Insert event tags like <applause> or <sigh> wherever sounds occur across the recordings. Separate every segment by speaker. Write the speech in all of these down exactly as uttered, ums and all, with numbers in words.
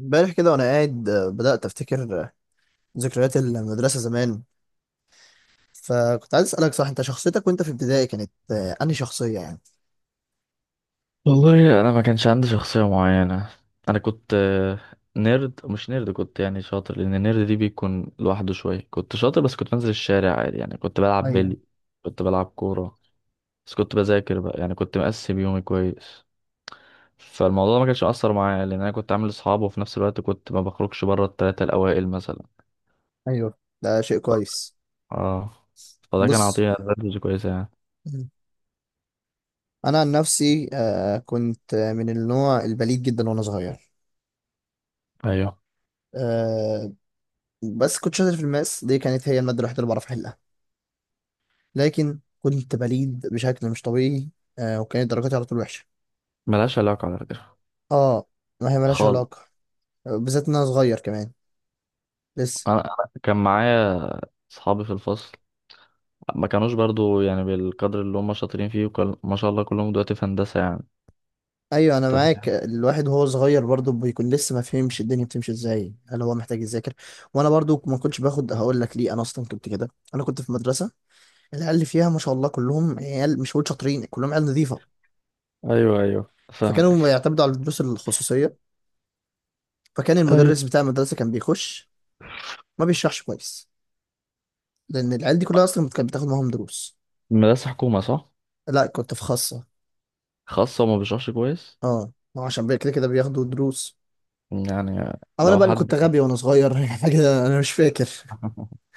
Speaker 1: امبارح كده وانا قاعد آه، بدأت افتكر آه، ذكريات المدرسة زمان. فكنت عايز اسألك، صح؟ انت شخصيتك وانت في ابتدائي كانت آه، انهي شخصية يعني؟
Speaker 2: والله انا ما كانش عندي شخصيه معينه. انا كنت آه، نيرد مش نيرد، كنت يعني شاطر لان النيرد دي بيكون لوحده شويه. كنت شاطر، بس كنت بنزل الشارع عادي يعني. كنت بلعب
Speaker 1: ايوه.
Speaker 2: بلي، كنت بلعب كوره، بس كنت بذاكر بقى يعني. كنت مقسم يومي كويس. فالموضوع ما كانش مأثر معايا لان انا كنت عامل اصحاب، وفي نفس الوقت كنت ما بخرجش بره الثلاثه الاوائل مثلا.
Speaker 1: ايوه، ده شيء كويس.
Speaker 2: اه، فده كان
Speaker 1: بص.
Speaker 2: عطيه ادفانتج كويسه يعني.
Speaker 1: مم. انا عن نفسي آه، كنت آه، من النوع البليد جدا وانا صغير.
Speaker 2: ايوه،
Speaker 1: آه، بس كنت شاطر في الماس، دي كانت هي المادة الوحيدة اللي بعرف أحلها. لكن كنت بليد بشكل مش طبيعي. آه، وكانت درجاتي على طول وحشة.
Speaker 2: ملهاش علاقه على فكره.
Speaker 1: اه، ما هي ملهاش
Speaker 2: خالص.
Speaker 1: علاقة. آه، بالذات إن أنا صغير كمان، لسه.
Speaker 2: انا أنا كان معايا اصحابي في الفصل، ما كانوش برضو يعني بالقدر اللي هم شاطرين فيه. وكل... ما شاء الله كلهم دلوقتي في هندسة يعني.
Speaker 1: أيوة أنا
Speaker 2: انت
Speaker 1: معاك.
Speaker 2: فاهم.
Speaker 1: آه، الواحد وهو صغير برضه بيكون لسه ما فهمش الدنيا بتمشي إزاي، هل هو محتاج يذاكر. وأنا برضه ما كنتش باخد، هقول لك ليه. أنا أصلا كنت كده. أنا كنت في مدرسة، العيال اللي فيها ما شاء الله كلهم عيال، مش هقول شاطرين، كلهم عيال نظيفة.
Speaker 2: ايوه ايوه فاهمك.
Speaker 1: فكانوا يعتمدوا على الدروس الخصوصية. فكان
Speaker 2: ايوه.
Speaker 1: المدرس بتاع المدرسة كان بيخش ما بيشرحش كويس، لان العيال دي كلها اصلا كانت بتاخد معاهم دروس.
Speaker 2: مدرسة حكومة صح؟
Speaker 1: لا، كنت في خاصه.
Speaker 2: خاصة، وما بيشرحش كويس.
Speaker 1: اه، ما هو عشان بي- كده كده بياخدوا دروس.
Speaker 2: يعني
Speaker 1: او انا
Speaker 2: لو
Speaker 1: بقى اللي كنت
Speaker 2: حد
Speaker 1: غبي وانا صغير <laughs> حاجه انا مش فاكر.
Speaker 2: <laughs>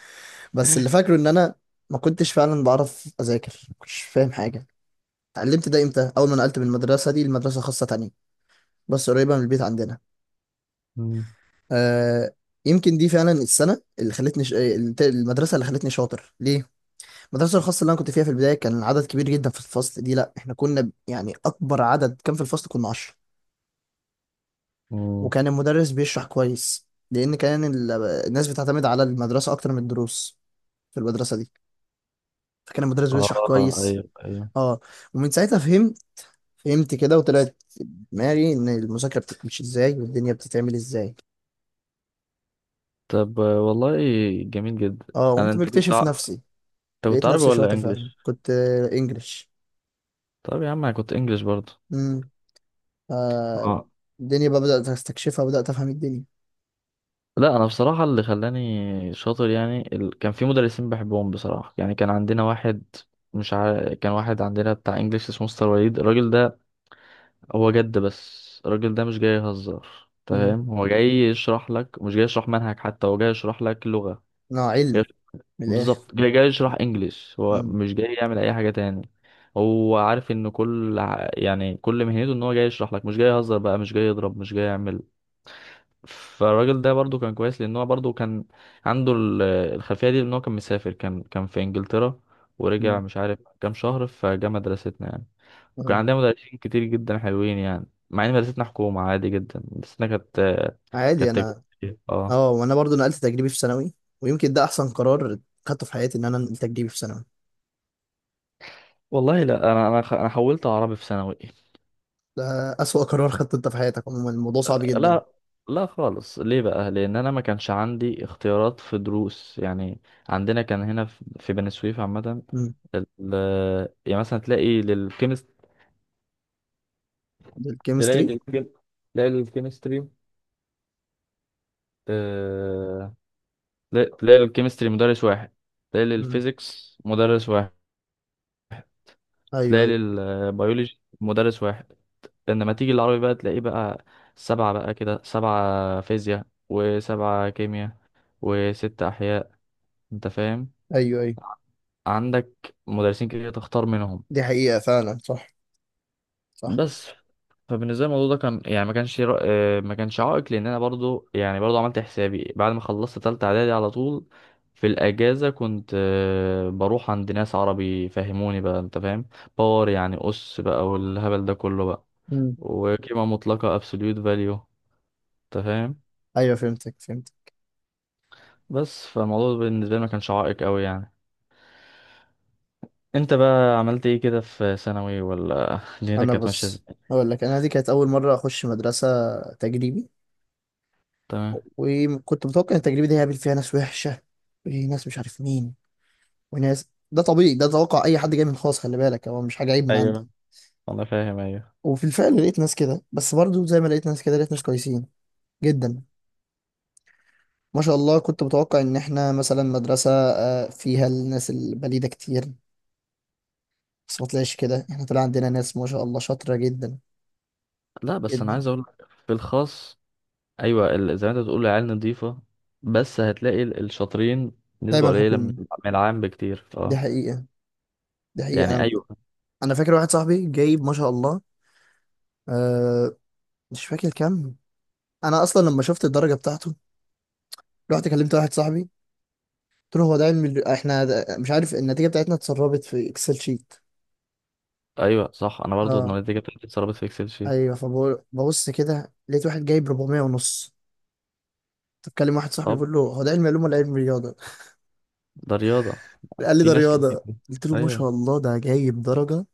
Speaker 1: بس اللي فاكره ان انا ما كنتش فعلا بعرف اذاكر، ما كنتش فاهم حاجه. اتعلمت ده امتى؟ اول ما نقلت من المدرسه دي لمدرسه خاصه تانية، بس قريبه من البيت عندنا.
Speaker 2: مم.
Speaker 1: آه، يمكن دي فعلا السنه اللي خلتني ش... المدرسه اللي خلتني شاطر ليه. المدرسه الخاصه اللي انا كنت فيها في البدايه كان العدد كبير جدا في الفصل. دي لا، احنا كنا يعني اكبر عدد كان في الفصل كنا عشرة.
Speaker 2: مم.
Speaker 1: وكان المدرس بيشرح كويس، لأن كان ال- الناس بتعتمد على المدرسة أكتر من الدروس في المدرسة دي. فكان المدرس بيشرح
Speaker 2: اه
Speaker 1: كويس.
Speaker 2: ايوه ايوه.
Speaker 1: اه. ومن ساعتها فهمت فهمت كده، وطلعت في دماغي إن المذاكرة بتمشي إزاي والدنيا بتتعمل إزاي.
Speaker 2: طب آه، والله جميل جدا.
Speaker 1: اه،
Speaker 2: انا
Speaker 1: قمت
Speaker 2: انت كنت
Speaker 1: بكتشف
Speaker 2: ع...
Speaker 1: نفسي.
Speaker 2: انت كنت
Speaker 1: لقيت
Speaker 2: عربي
Speaker 1: نفسي
Speaker 2: ولا
Speaker 1: شاطر فعلا.
Speaker 2: انجليش؟
Speaker 1: كنت آه، إنجلش.
Speaker 2: طب يا عم انا كنت انجليش برضو.
Speaker 1: امم. آه،
Speaker 2: اه.
Speaker 1: الدنيا بقى بدأت أستكشفها. بدأت أفهم الدنيا.
Speaker 2: لا انا بصراحه اللي خلاني شاطر يعني، ال... كان في مدرسين بحبهم بصراحه يعني. كان عندنا واحد، مش عارف، كان واحد عندنا بتاع انجليش اسمه مستر وليد. الراجل ده هو جد. بس الراجل ده مش جاي يهزر،
Speaker 1: امم.
Speaker 2: تمام. هو جاي يشرح لك، مش جاي يشرح منهج حتى، هو جاي يشرح لك لغه.
Speaker 1: أنا
Speaker 2: جاي...
Speaker 1: علم، من الآخر.
Speaker 2: بالظبط، جاي جاي يشرح انجليش، هو
Speaker 1: امم.
Speaker 2: مش جاي يعمل اي حاجه تاني. هو عارف ان كل ع- يعني كل مهنته ان هو جاي يشرح لك، مش جاي يهزر بقى، مش جاي يضرب، مش جاي يعمل. فالراجل ده برضو كان كويس لان هو برضو كان عنده ال- الخلفيه دي ان هو كان مسافر، كان كان في انجلترا، ورجع
Speaker 1: امم.
Speaker 2: مش عارف كام شهر فجه مدرستنا يعني. كان
Speaker 1: آه.
Speaker 2: عندنا مدرسين كتير جدا حلوين يعني، مع ان مدرستنا حكومه عادي جدا. مدرستنا كانت
Speaker 1: عادي.
Speaker 2: كانت
Speaker 1: أنا
Speaker 2: تجريبية. اه
Speaker 1: اه، وانا برضو نقلت تجريبي في ثانوي، ويمكن ده احسن قرار خدته في حياتي، ان انا انقل تجريبي في ثانوي.
Speaker 2: والله. لا انا انا خ- انا حولت عربي في ثانوي.
Speaker 1: ده اسوأ قرار خدته انت في حياتك، عموما الموضوع صعب جدا.
Speaker 2: لا لا خالص. ليه بقى؟ لان انا ما كانش عندي اختيارات في دروس يعني. عندنا كان هنا في في بني سويف عامه،
Speaker 1: امم.
Speaker 2: ال- يعني مثلا تلاقي للكيمستري، تلاقي
Speaker 1: الكيمستري.
Speaker 2: الكيم... تلاقي الكيمستري، آه... تلاقي تلاقي للكيمستري مدرس واحد، تلاقي
Speaker 1: امم.
Speaker 2: للفيزيكس مدرس واحد،
Speaker 1: ايوه
Speaker 2: تلاقي
Speaker 1: ايوه.
Speaker 2: للبيولوجي مدرس واحد. لما تيجي العربي بقى تلاقيه بقى سبعة بقى كده، سبعة فيزياء، وسبعة كيمياء، وست أحياء. أنت فاهم؟
Speaker 1: ايوه ايوه،
Speaker 2: عندك مدرسين كتير تختار منهم.
Speaker 1: دي حقيقة فعلا. صح، صح.
Speaker 2: بس، فبالنسبه لي الموضوع ده كان يعني ما كانش رأ- آه، ما كانش عائق، لان انا برضو يعني برضو عملت حسابي بعد ما خلصت تالتة اعدادي على طول. في الاجازه كنت آه، بروح عند ناس عربي فهموني بقى، انت فاهم. باور يعني اس بقى والهبل ده كله بقى،
Speaker 1: امم.
Speaker 2: وقيمه مطلقه absolute value. انت فاهم.
Speaker 1: ايوه، فهمتك فهمتك.
Speaker 2: بس فالموضوع بالنسبه لي ما كانش عائق قوي يعني. انت بقى عملت ايه كده في ثانوي، ولا <laughs> دنيتك
Speaker 1: انا
Speaker 2: كانت ماشيه
Speaker 1: بص،
Speaker 2: ازاي؟
Speaker 1: اقول لك. انا دي كانت اول مرة اخش مدرسة تجريبي.
Speaker 2: تمام.
Speaker 1: وكنت متوقع ان التجربة دي هيقابل فيها ناس وحشة، وناس مش عارف مين، وناس. ده طبيعي، ده توقع اي حد جاي من خاص، خلي بالك هو مش حاجة عيب من عندي.
Speaker 2: ايوه انا فاهم. ايوه.
Speaker 1: وفي الفعل لقيت ناس كده، بس برضو زي ما لقيت ناس كده لقيت ناس كويسين جدا. ما شاء الله. كنت متوقع ان احنا مثلا مدرسة آه، فيها الناس البليدة كتير، بس ما طلعش كده، احنا طلع عندنا ناس ما شاء الله شاطرة جدا
Speaker 2: لا بس انا
Speaker 1: جدا.
Speaker 2: عايز اقول لك، في الخاص ايوه، ال- زي ما انت بتقول العيال نظيفه، بس هتلاقي ال- الشاطرين نسبه
Speaker 1: دايما
Speaker 2: قليله من
Speaker 1: حكومي.
Speaker 2: من العام بكتير.
Speaker 1: دي
Speaker 2: اه،
Speaker 1: حقيقة. دي حقيقة.
Speaker 2: يعني
Speaker 1: انا
Speaker 2: ايوه.
Speaker 1: انا فاكر واحد صاحبي جايب ما شاء الله. أه، مش فاكر كام. انا اصلا لما شفت الدرجة بتاعته رحت كلمت واحد صاحبي، قلت له هو ده علم ال- احنا ده- مش عارف، النتيجة بتاعتنا اتسربت في اكسل شيت.
Speaker 2: ايوه صح، انا برضو
Speaker 1: اه،
Speaker 2: النتيجه بتاعتي اتسربت في اكسل شيت.
Speaker 1: ايوه، فبقول ببص كده لقيت واحد جايب أربعمائة ونص. بتكلم واحد صاحبي،
Speaker 2: اه.
Speaker 1: بيقول له هو ده علم علوم ولا علم رياضه.
Speaker 2: ده رياضه.
Speaker 1: قال لي
Speaker 2: في
Speaker 1: ده
Speaker 2: ناس كتير.
Speaker 1: رياضه، قلت له ما شاء
Speaker 2: ايوه.
Speaker 1: الله ده جايب درجه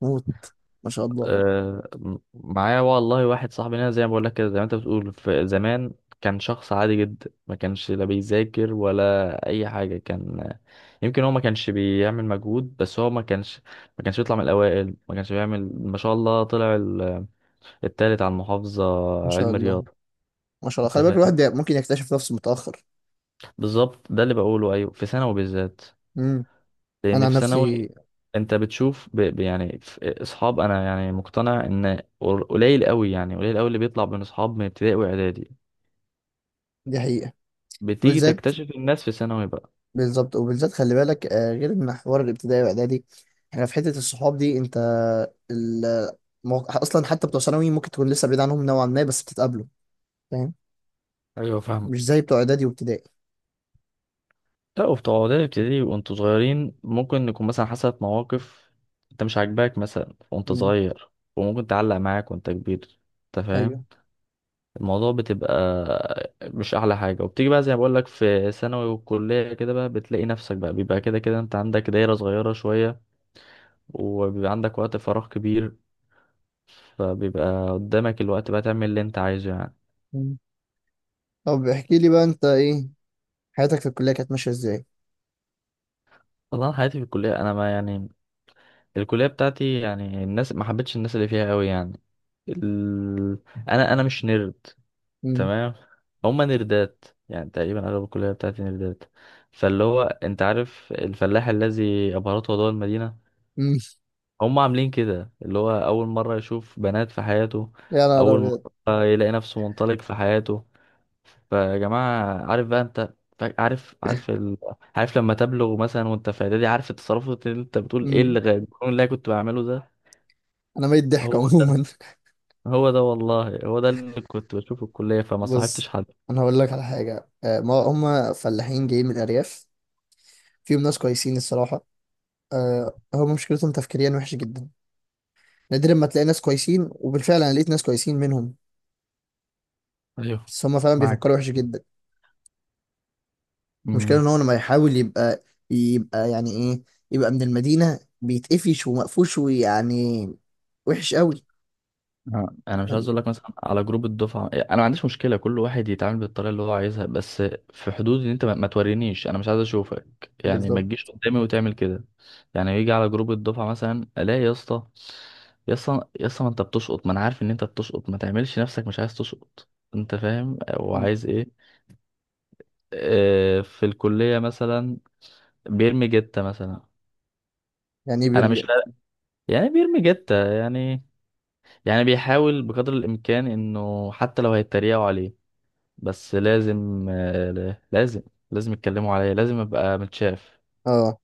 Speaker 1: موت. ما شاء الله
Speaker 2: آه م- معايا والله واحد صاحبي هنا زي ما بقول لك كده، زي ما انت بتقول في زمان. كان شخص عادي جدا، ما كانش لا بيذاكر ولا اي حاجه. كان يمكن هو ما كانش بيعمل مجهود، بس هو ما كانش ما كانش بيطلع من الاوائل. ما كانش بيعمل، ما شاء الله طلع التالت على المحافظة.
Speaker 1: ما شاء
Speaker 2: علم
Speaker 1: الله.
Speaker 2: رياضة.
Speaker 1: ما شاء الله،
Speaker 2: انت
Speaker 1: خلي بالك
Speaker 2: فاهم.
Speaker 1: الواحد ممكن يكتشف نفسه متاخر.
Speaker 2: بالظبط، ده اللي بقوله. ايوه في ثانوي بالذات،
Speaker 1: امم. انا
Speaker 2: لان
Speaker 1: عن
Speaker 2: في ثانوي
Speaker 1: نفسي.
Speaker 2: انت بتشوف ب... ب- يعني في اصحاب، انا يعني مقتنع ان قل- قليل قوي، يعني قليل قوي اللي بيطلع من اصحاب من ابتدائي واعدادي.
Speaker 1: دي حقيقه.
Speaker 2: بتيجي
Speaker 1: بالذات.
Speaker 2: تكتشف الناس في ثانوي بقى.
Speaker 1: بالظبط، وبالذات خلي بالك آه، غير ان حوار الابتدائي واعدادي، احنا في حته الصحاب دي. انت ال... مو- اصلا حتى بتوع ثانوي ممكن تكون لسه بعيد عنهم نوعا ما، بس بتتقابلوا. فاهم؟
Speaker 2: ايوه فاهم.
Speaker 1: مش زي بتوع اعدادي وابتدائي.
Speaker 2: لا، وبتوع اعدادي ابتدائي وانتوا صغيرين، ممكن يكون مثلا حصلت مواقف انت مش عاجباك مثلا وانت صغير، وممكن تعلق معاك وانت كبير. انت فاهم.
Speaker 1: ايوه.
Speaker 2: الموضوع بتبقى مش احلى حاجه. وبتيجي بقى زي ما بقول لك في ثانوي والكليه كده بقى، بتلاقي نفسك بقى بيبقى كده كده انت عندك دايره صغيره شويه، وبيبقى عندك وقت فراغ كبير، فبيبقى قدامك الوقت بقى تعمل اللي انت عايزه يعني.
Speaker 1: مم. طب احكي لي بقى انت، ايه حياتك في الكليه كانت ماشيه ازاي؟
Speaker 2: والله، أنا حياتي في الكليه انا ما يعني، الكليه بتاعتي يعني الناس ما حبيتش الناس اللي فيها قوي يعني. ال... انا انا مش نيرد،
Speaker 1: مم.
Speaker 2: تمام. هما نيردات يعني، تقريبا اغلب الكليه بتاعتي نيردات. فاللي هو انت عارف الفلاح الذي ابهرته ضوء المدينه.
Speaker 1: مم.
Speaker 2: هم عاملين كده اللي هو أول مرة يشوف بنات في حياته،
Speaker 1: يا نهار
Speaker 2: أول
Speaker 1: ابيض!
Speaker 2: مرة يلاقي نفسه منطلق في حياته. فيا جماعة عارف بقى، أنت فا- عارف، عارف ال... عارف لما تبلغ مثلا وأنت في إعدادي، عارف التصرفات اللي أنت بتقول إيه
Speaker 1: مم.
Speaker 2: اللي غير اللي أنا كنت بعمله ده.
Speaker 1: انا ميت ضحك
Speaker 2: هو ده،
Speaker 1: عموما
Speaker 2: هو ده والله، هو ده اللي كنت بشوفه في الكلية،
Speaker 1: <laughs>
Speaker 2: فما صاحبتش
Speaker 1: بص،
Speaker 2: حد.
Speaker 1: انا هقول لك على حاجه. آه، ما هم فلاحين جايين من الارياف، فيهم ناس كويسين الصراحه. آه، هم مشكلتهم تفكيريا وحش جدا. نادرا ما تلاقي ناس كويسين، وبالفعل انا لقيت ناس كويسين منهم.
Speaker 2: ايوه
Speaker 1: بس هم فعلا
Speaker 2: معاك.
Speaker 1: بيفكروا وحش جدا. المشكله ان هو لما يحاول يبقى يبقى يعني ايه، يبقى من المدينه، بيتقفش ومقفوش ويعني وحش قوي.
Speaker 2: آه، انا مش عايز اقول لك مثلا على جروب الدفعه، انا ما عنديش مشكله كل واحد يتعامل بالطريقه اللي هو عايزها، بس في حدود ان انت ما ما تورينيش. انا مش عايز اشوفك يعني، ما
Speaker 1: بالظبط.
Speaker 2: تجيش قدامي وتعمل كده. يعني يجي على جروب الدفعه مثلا الاقي يا اسطى، يا اسطى يا اسطى، ما انت بتشقط، ما انا عارف ان انت بتشقط، ما تعملش نفسك مش عايز تشقط. انت فاهم
Speaker 1: مم.
Speaker 2: وعايز ايه. آه، في الكليه مثلا بيرمي جته مثلا.
Speaker 1: يعني ايه
Speaker 2: انا
Speaker 1: بيرمي
Speaker 2: مش
Speaker 1: جد؟
Speaker 2: فارق- يعني بيرمي جته يعني، يعني بيحاول بقدر الامكان انه حتى لو هيتريقوا عليه، بس لازم آه، لازم لازم يتكلموا عليا، لازم ابقى متشاف.
Speaker 1: اه،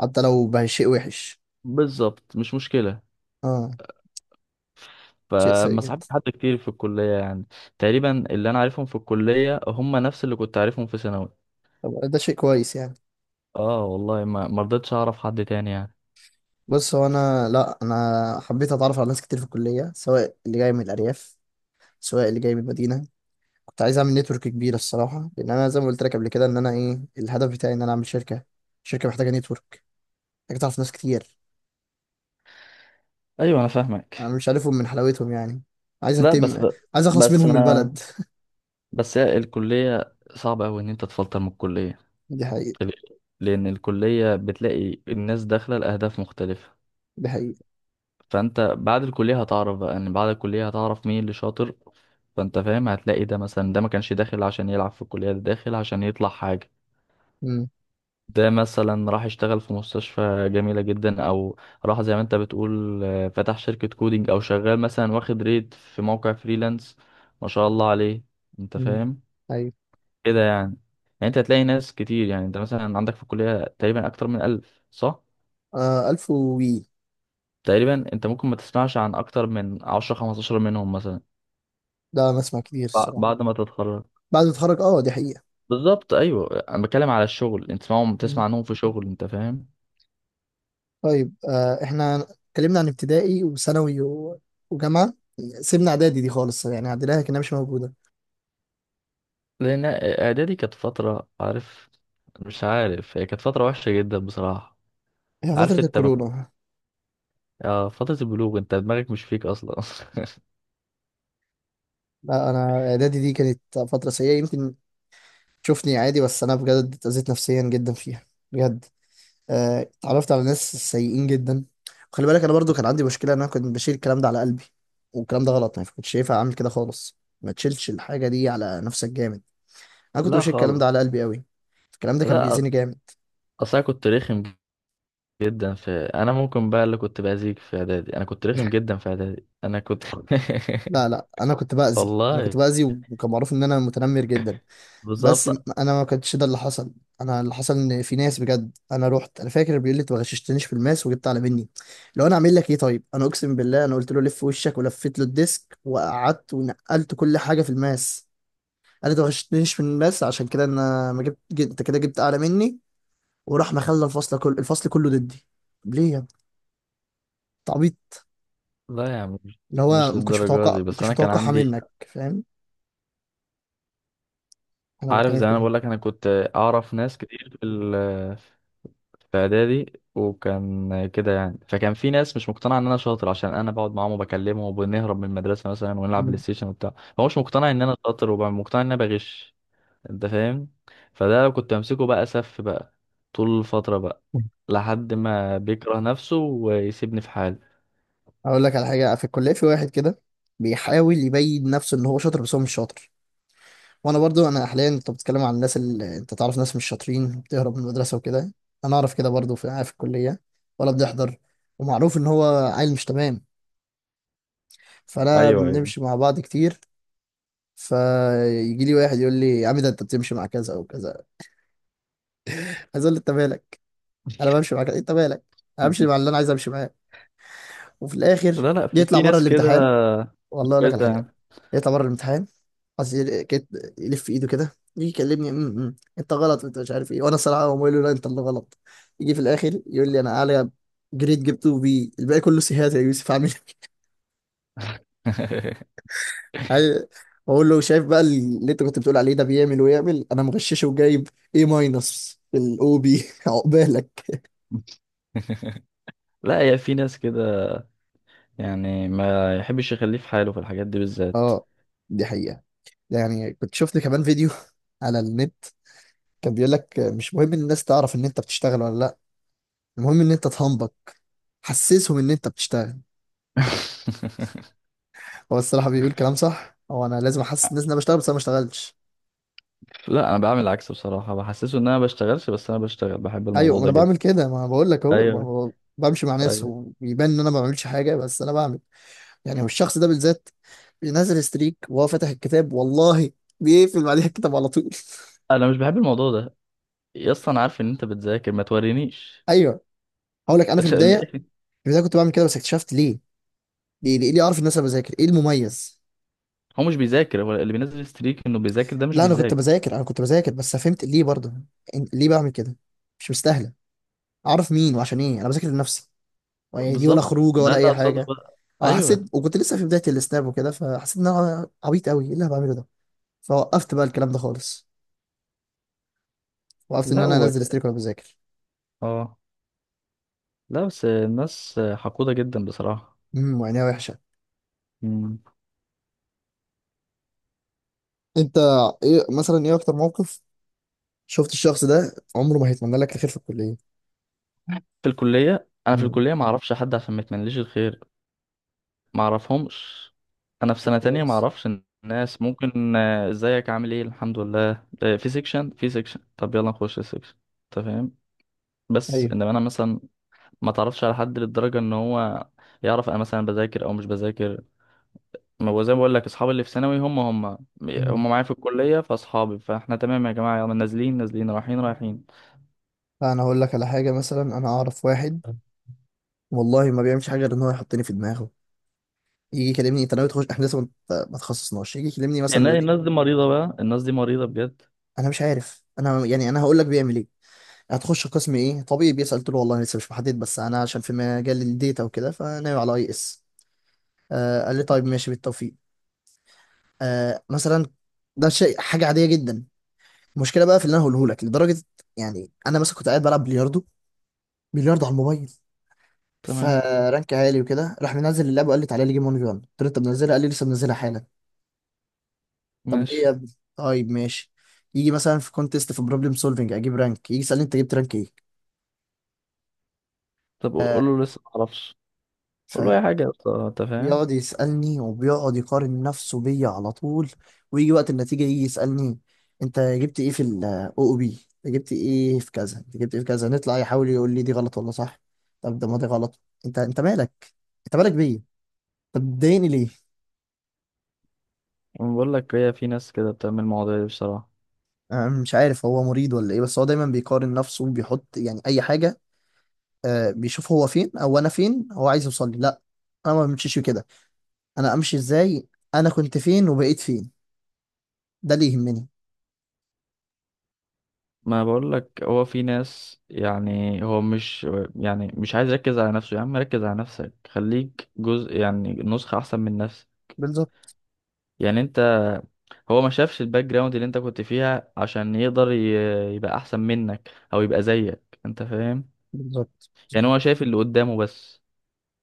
Speaker 1: حتى لو بقى شيء وحش.
Speaker 2: بالظبط، مش مشكلة.
Speaker 1: اه، شيء سيء
Speaker 2: فما
Speaker 1: جدا.
Speaker 2: صاحبتش حد كتير في الكلية يعني. تقريبا اللي انا عارفهم في الكلية هم نفس اللي كنت عارفهم في ثانوي.
Speaker 1: طب ده شيء كويس يعني.
Speaker 2: اه والله ما ما رضيتش اعرف حد تاني يعني.
Speaker 1: بص هو انا. لا، انا حبيت اتعرف على ناس كتير في الكليه، سواء اللي جاي من الارياف سواء اللي جاي من المدينه. كنت عايز اعمل نتورك كبيره الصراحه، لان انا زي ما قلت لك قبل كده، ان انا ايه الهدف بتاعي، ان انا اعمل شركه. شركه محتاجه نتورك، محتاجه تعرف ناس كتير.
Speaker 2: ايوه انا
Speaker 1: انا
Speaker 2: فاهمك.
Speaker 1: مش عارفهم من حلاوتهم يعني. عايز
Speaker 2: لا بس
Speaker 1: اتم. عايز اخلص
Speaker 2: بس
Speaker 1: منهم من
Speaker 2: انا
Speaker 1: البلد.
Speaker 2: بس هي الكلية صعبة اوي ان انت تفلتر من الكلية.
Speaker 1: <laughs> دي حقيقه.
Speaker 2: ليه؟ لان الكلية بتلاقي الناس داخلة لاهداف مختلفة.
Speaker 1: دي حقيقه.
Speaker 2: فانت بعد الكليه هتعرف بقى، ان بعد الكليه هتعرف مين اللي شاطر. فانت فاهم هتلاقي ده مثلا ده ما كانش داخل عشان يلعب في الكليه، ده داخل عشان يطلع حاجه.
Speaker 1: امم.
Speaker 2: ده مثلا راح يشتغل في مستشفى جميله جدا، او راح زي ما انت بتقول آه، فتح شركه كودينج، او شغال مثلا واخد ريت في موقع فريلانس، ما شاء الله عليه. انت
Speaker 1: امم.
Speaker 2: فاهم.
Speaker 1: ايوه.
Speaker 2: كده يعني. يعني انت هتلاقي ناس كتير. يعني انت مثلا عندك في الكليه تقريبا اكتر من ألف صح؟
Speaker 1: آه، ألف وي.
Speaker 2: تقريبا انت ممكن ما تسمعش عن اكتر من عشرة خمستاشر منهم مثلا.
Speaker 1: ده انا اسمع كتير
Speaker 2: بع-
Speaker 1: الصراحه.
Speaker 2: بعد ما تتخرج.
Speaker 1: بعد ما اتخرج، اه، دي حقيقه.
Speaker 2: بالظبط، ايوه. انا بتكلم على الشغل، انت تسمعهم، تسمع
Speaker 1: مم.
Speaker 2: عنهم في شغل. انت فاهم.
Speaker 1: طيب، آه، احنا اتكلمنا عن ابتدائي وثانوي و- وجامعه. سيبنا اعدادي دي خالص، يعني عدناها كانها مش موجوده.
Speaker 2: لان اعدادي كانت فتره عارف، مش عارف، هي كانت فتره وحشه جدا بصراحه.
Speaker 1: هي فتره
Speaker 2: عارف انت م...
Speaker 1: الكورونا.
Speaker 2: آه فتره البلوغ انت دماغك مش فيك اصلا <laughs>
Speaker 1: لا، انا اعدادي دي كانت فتره سيئه. يمكن تشوفني عادي، بس انا بجد اتأذيت نفسيا جدا فيها. بجد. آه، اتعرفت على ناس سيئين جدا. وخلي بالك انا برضو كان عندي مشكله ان انا كنت بشيل الكلام ده على قلبي. والكلام ده غلط، ما كنتش شايفها. اعمل كده خالص، ما تشيلش الحاجه دي على نفسك جامد. انا كنت
Speaker 2: لا
Speaker 1: بشيل الكلام ده
Speaker 2: خالص.
Speaker 1: على قلبي قوي. الكلام ده كان
Speaker 2: لا
Speaker 1: بيأذيني جامد.
Speaker 2: اصل انا كنت رخم جدا في، انا ممكن بقى اللي كنت باذيك في اعدادي، انا كنت رخم جدا في اعدادي. انا كنت
Speaker 1: لا لا، انا كنت
Speaker 2: <laughs>
Speaker 1: باذي. انا كنت
Speaker 2: والله.
Speaker 1: باذي، وكان معروف ان انا متنمر جدا. بس
Speaker 2: بالظبط.
Speaker 1: م- انا ما كانش ده اللي حصل. انا اللي حصل ان في ناس بجد، انا رحت. انا فاكر بيقول لي انت ما غششتنيش في الماس وجبت اعلى مني، لو انا اعمل لك ايه؟ طيب، انا اقسم بالله انا قلت له لف وشك، ولفيت له الديسك وقعدت ونقلت كل حاجه في الماس. انا ما غششتنيش في الماس، عشان كده انا ما جبت جبت- انت كده جبت اعلى مني. وراح مخلى الفصل كله، الفصل كله ضدي. طب ليه يا ابني؟
Speaker 2: لا يا عم مش
Speaker 1: اللي هو
Speaker 2: مش
Speaker 1: ما كنتش
Speaker 2: للدرجه
Speaker 1: متوقع،
Speaker 2: دي،
Speaker 1: ما
Speaker 2: بس
Speaker 1: كنتش
Speaker 2: انا كان
Speaker 1: متوقعها
Speaker 2: عندي،
Speaker 1: منك، فاهم؟ انا
Speaker 2: عارف
Speaker 1: بتكلم في
Speaker 2: زي ما انا
Speaker 1: كده.
Speaker 2: بقول لك انا كنت اعرف ناس كتير في ال- في اعدادي وكان كده يعني، فكان في ناس مش مقتنعه ان انا شاطر عشان انا بقعد معاهم وبكلمهم، وبنهرب من المدرسه مثلا ونلعب بلاي
Speaker 1: مم.
Speaker 2: ستيشن وبتاع. هو مش مقتنع ان انا شاطر، ومقتنع ان انا بغش. انت فاهم. فده لو كنت امسكه بقى سف بقى، طول الفتره بقى لحد ما بيكره نفسه ويسيبني في حالي.
Speaker 1: اقول لك على حاجه في الكليه، في واحد كده بيحاول يبين نفسه ان هو شاطر، بس هو مش شاطر. وانا برضو، انا حاليا انت بتتكلم عن الناس اللي انت تعرف، ناس مش شاطرين بتهرب من المدرسه وكده. انا اعرف كده برضو في في الكليه. ولا بنحضر، ومعروف ان هو عيل مش تمام. فانا
Speaker 2: ايوه ايوه
Speaker 1: بنمشي مع بعض كتير. فيجي لي واحد يقول لي يا عم ده انت بتمشي مع كذا او كذا. عايز اقول له انت مالك؟ انا بمشي مع كذا، انت مالك؟ انا بمشي مع
Speaker 2: <laughs>
Speaker 1: اللي انا عايز امشي معاه. وفي الاخر
Speaker 2: لا لا، في,
Speaker 1: يطلع
Speaker 2: في
Speaker 1: بره
Speaker 2: ناس كده
Speaker 1: الامتحان.
Speaker 2: <laughs> مش
Speaker 1: والله اقول لك على
Speaker 2: كويسه
Speaker 1: حاجه.
Speaker 2: يعني.
Speaker 1: يطلع بره الامتحان، عايز يل- كت- يلف ايده كده يجي يكلمني، "أم، أم، انت غلط، انت مش عارف ايه". وانا الصراحه هو بقول له لا انت اللي غلط. يجي في الاخر يقول لي انا اعلى، جريد جبته بي، الباقي كله سيهات يا يوسف. عامل
Speaker 2: <laughs>
Speaker 1: إيه؟ <laughs> اقول له شايف بقى اللي انت كنت بتقول عليه، ده بيعمل ويعمل انا مغششه وجايب ايه، ماينس في الاو بي <laughs> عقبالك.
Speaker 2: لا هي في ناس كده يعني، ما يحبش يخليه في حاله في الحاجات دي بالذات.
Speaker 1: اه، دي حقيقه. يعني كنت شفت كمان فيديو على النت، كان بيقول لك مش مهم ان الناس تعرف ان انت بتشتغل ولا لا، المهم ان انت تهنبك، حسسهم ان انت بتشتغل.
Speaker 2: <laughs>
Speaker 1: هو الصراحه بيقول كلام صح. هو انا لازم احسس الناس ان انا بشتغل بس انا ما اشتغلش؟
Speaker 2: لا انا بعمل العكس بصراحه، بحسسه ان انا ما بشتغلش بس انا بشتغل، بحب
Speaker 1: ايوه،
Speaker 2: الموضوع
Speaker 1: ما
Speaker 2: ده
Speaker 1: انا بعمل
Speaker 2: جدا.
Speaker 1: كده. ما أنا بقول لك اهو
Speaker 2: ايوه
Speaker 1: ب- ب- بمشي مع ناس
Speaker 2: ايوه.
Speaker 1: ويبان ان انا ما بعملش حاجه بس انا بعمل. يعني هو الشخص ده بالذات بينزل ستريك وهو فاتح الكتاب، والله بيقفل بعدها الكتاب على طول.
Speaker 2: انا مش بحب الموضوع ده. يا اسطى انا عارف ان انت بتذاكر، ما تورينيش.
Speaker 1: <laughs> ايوه. هقول لك انا في
Speaker 2: <laughs>
Speaker 1: البدايه.
Speaker 2: ليه؟
Speaker 1: في البدايه كنت بعمل كده، بس اكتشفت ليه. ليه ليه, ليه اعرف الناس انا بذاكر؟ ايه المميز؟
Speaker 2: هو مش بيذاكر، هو اللي بينزل ستريك انه بيذاكر ده مش
Speaker 1: لا، انا كنت
Speaker 2: بيذاكر.
Speaker 1: بذاكر. انا كنت بذاكر، بس فهمت ليه برضه. إن- ليه بعمل كده؟ مش مستاهله اعرف مين وعشان ايه. انا بذاكر لنفسي، يعني دي ولا
Speaker 2: بالظبط،
Speaker 1: خروجه
Speaker 2: ده
Speaker 1: ولا
Speaker 2: اللي
Speaker 1: اي
Speaker 2: اقصده
Speaker 1: حاجه.
Speaker 2: بقى.
Speaker 1: اه، حسيت،
Speaker 2: ايوه.
Speaker 1: وكنت لسه في بدايه السناب وكده، فحسيت ان انا عبيط قوي. ايه اللي انا بعمله ده؟ فوقفت بقى الكلام ده خالص. وقفت ان
Speaker 2: لا
Speaker 1: انا
Speaker 2: و...
Speaker 1: انزل ستريك وانا بذاكر.
Speaker 2: اه لا بس الناس حقودة جدا بصراحة.
Speaker 1: امم، وعينيها وحشه.
Speaker 2: مم.
Speaker 1: انت، ايه مثلا ايه اكتر موقف شفت الشخص ده عمره ما هيتمنى لك الخير في الكليه؟
Speaker 2: في الكلية، انا في
Speaker 1: مم.
Speaker 2: الكلية ما اعرفش حد عشان ما يتمنليش الخير. ما اعرفهمش. انا في
Speaker 1: طب
Speaker 2: سنة تانية ما
Speaker 1: كويس.
Speaker 2: اعرفش. الناس ممكن آه، ازيك، عامل ايه، الحمد لله، آه، في سيكشن، في سيكشن طب يلا نخش السيكشن. انت فاهم. بس
Speaker 1: ايوه.
Speaker 2: انما انا مثلا ما تعرفش على حد للدرجة ان هو يعرف انا مثلا بذاكر او مش بذاكر. ما هو زي ما بقول لك اصحابي اللي في ثانوي هم هم
Speaker 1: امم.
Speaker 2: هم معايا في الكلية، فاصحابي فاحنا تمام. يا جماعة يلا نازلين نازلين رايحين رايحين.
Speaker 1: فانا هقول لك على حاجه. مثلا انا اعرف واحد، والله ما بيعملش حاجه غير ان هو يحطني في دماغه. يجي يكلمني انت ناوي تخش، احنا لسه ما ما تخصصناش. يجي يكلمني مثلا يقول
Speaker 2: يعني
Speaker 1: لي.
Speaker 2: الناس دي مريضة بقى، الناس دي مريضة بجد.
Speaker 1: انا مش عارف، انا يعني انا هقول لك بيعمل ايه. هتخش قسم ايه طبيب، بيسأل. قلت له والله لسه مش محدد، بس انا عشان في مجال الديتا وكده فناوي على اي اس. آه، قال لي طيب ماشي بالتوفيق. آه مثلا، ده شيء حاجه عاديه جدا. المشكله بقى في اللي انا هقوله لك لدرجه. يعني انا مثلا كنت قاعد بلعب بلياردو، بلياردو على الموبايل.
Speaker 2: تمام.
Speaker 1: فرانك عالي وكده، راح منزل اللعبه وقال لي تعالى لي جيم واحد في واحد. قلت له انت منزلها؟ قال لي لسه منزلها حالا. طب
Speaker 2: ماشي.
Speaker 1: ليه يا ابني؟ طيب ماشي. يجي مثلا في كونتيست، في بروبلم سولفنج، اجيب رانك، يجي يسالني انت جبت رانك
Speaker 2: طب قول
Speaker 1: ايه.
Speaker 2: له لسه ما اعرفش. قول له اي حاجة يا اسطى، انت فاهم.
Speaker 1: بيقعد يسألني، وبيقعد يقارن نفسه بيا على طول. ويجي وقت النتيجة يجي يسألني انت جبت ايه في ال أو أو بي، انت جبت ايه في كذا، انت جبت ايه في كذا. نطلع يحاول يقول لي دي غلط ولا صح. طب ده ما دي غلط. انت، انت مالك؟ انت مالك بيا. طب بتضايقني ليه؟
Speaker 2: أنا بقول لك هي في ناس كده بتعمل المواضيع دي بصراحة.
Speaker 1: انا مش عارف هو مريض ولا ايه، بس هو دايما بيقارن نفسه، وبيحط يعني اي حاجة. آه بيشوف هو فين او انا فين، هو عايز يوصل لي. لا، انا ما بمشيش كده. انا امشي ازاي؟ انا كنت فين وبقيت فين، ده اللي يهمني.
Speaker 2: ما بقول لك هو في ناس يعني هو مش يعني، مش عايز يركز على نفسه. يا عم ركز على نفسك، خليك جزء يعني نسخة أحسن من نفسك.
Speaker 1: بالظبط.
Speaker 2: يعني أنت، هو ما شافش الباك جراوند اللي أنت كنت فيها عشان يقدر ي- يبقى أحسن منك أو يبقى زيك. أنت فاهم.
Speaker 1: بالظبط.
Speaker 2: يعني هو شايف اللي قدامه بس.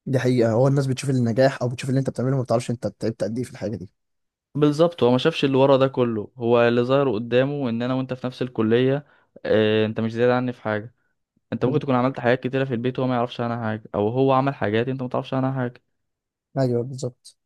Speaker 1: دي حقيقة. هو الناس بتشوف النجاح أو بتشوف اللي أنت بتعمله، ما بتعرفش أنت تعبت قد إيه في الحاجة دي.
Speaker 2: بالظبط هو ما شافش اللي ورا ده كله، هو اللي ظاهر قدامه إن أنا وأنت في نفس الكلية. آه، أنت مش زيادة عني في حاجة. انت ممكن
Speaker 1: بال-
Speaker 2: تكون عملت حاجات كتيرة في البيت وهو ما يعرفش عنها حاجة، او هو عمل حاجات انت ما تعرفش عنها حاجة.
Speaker 1: أيوه بالظبط.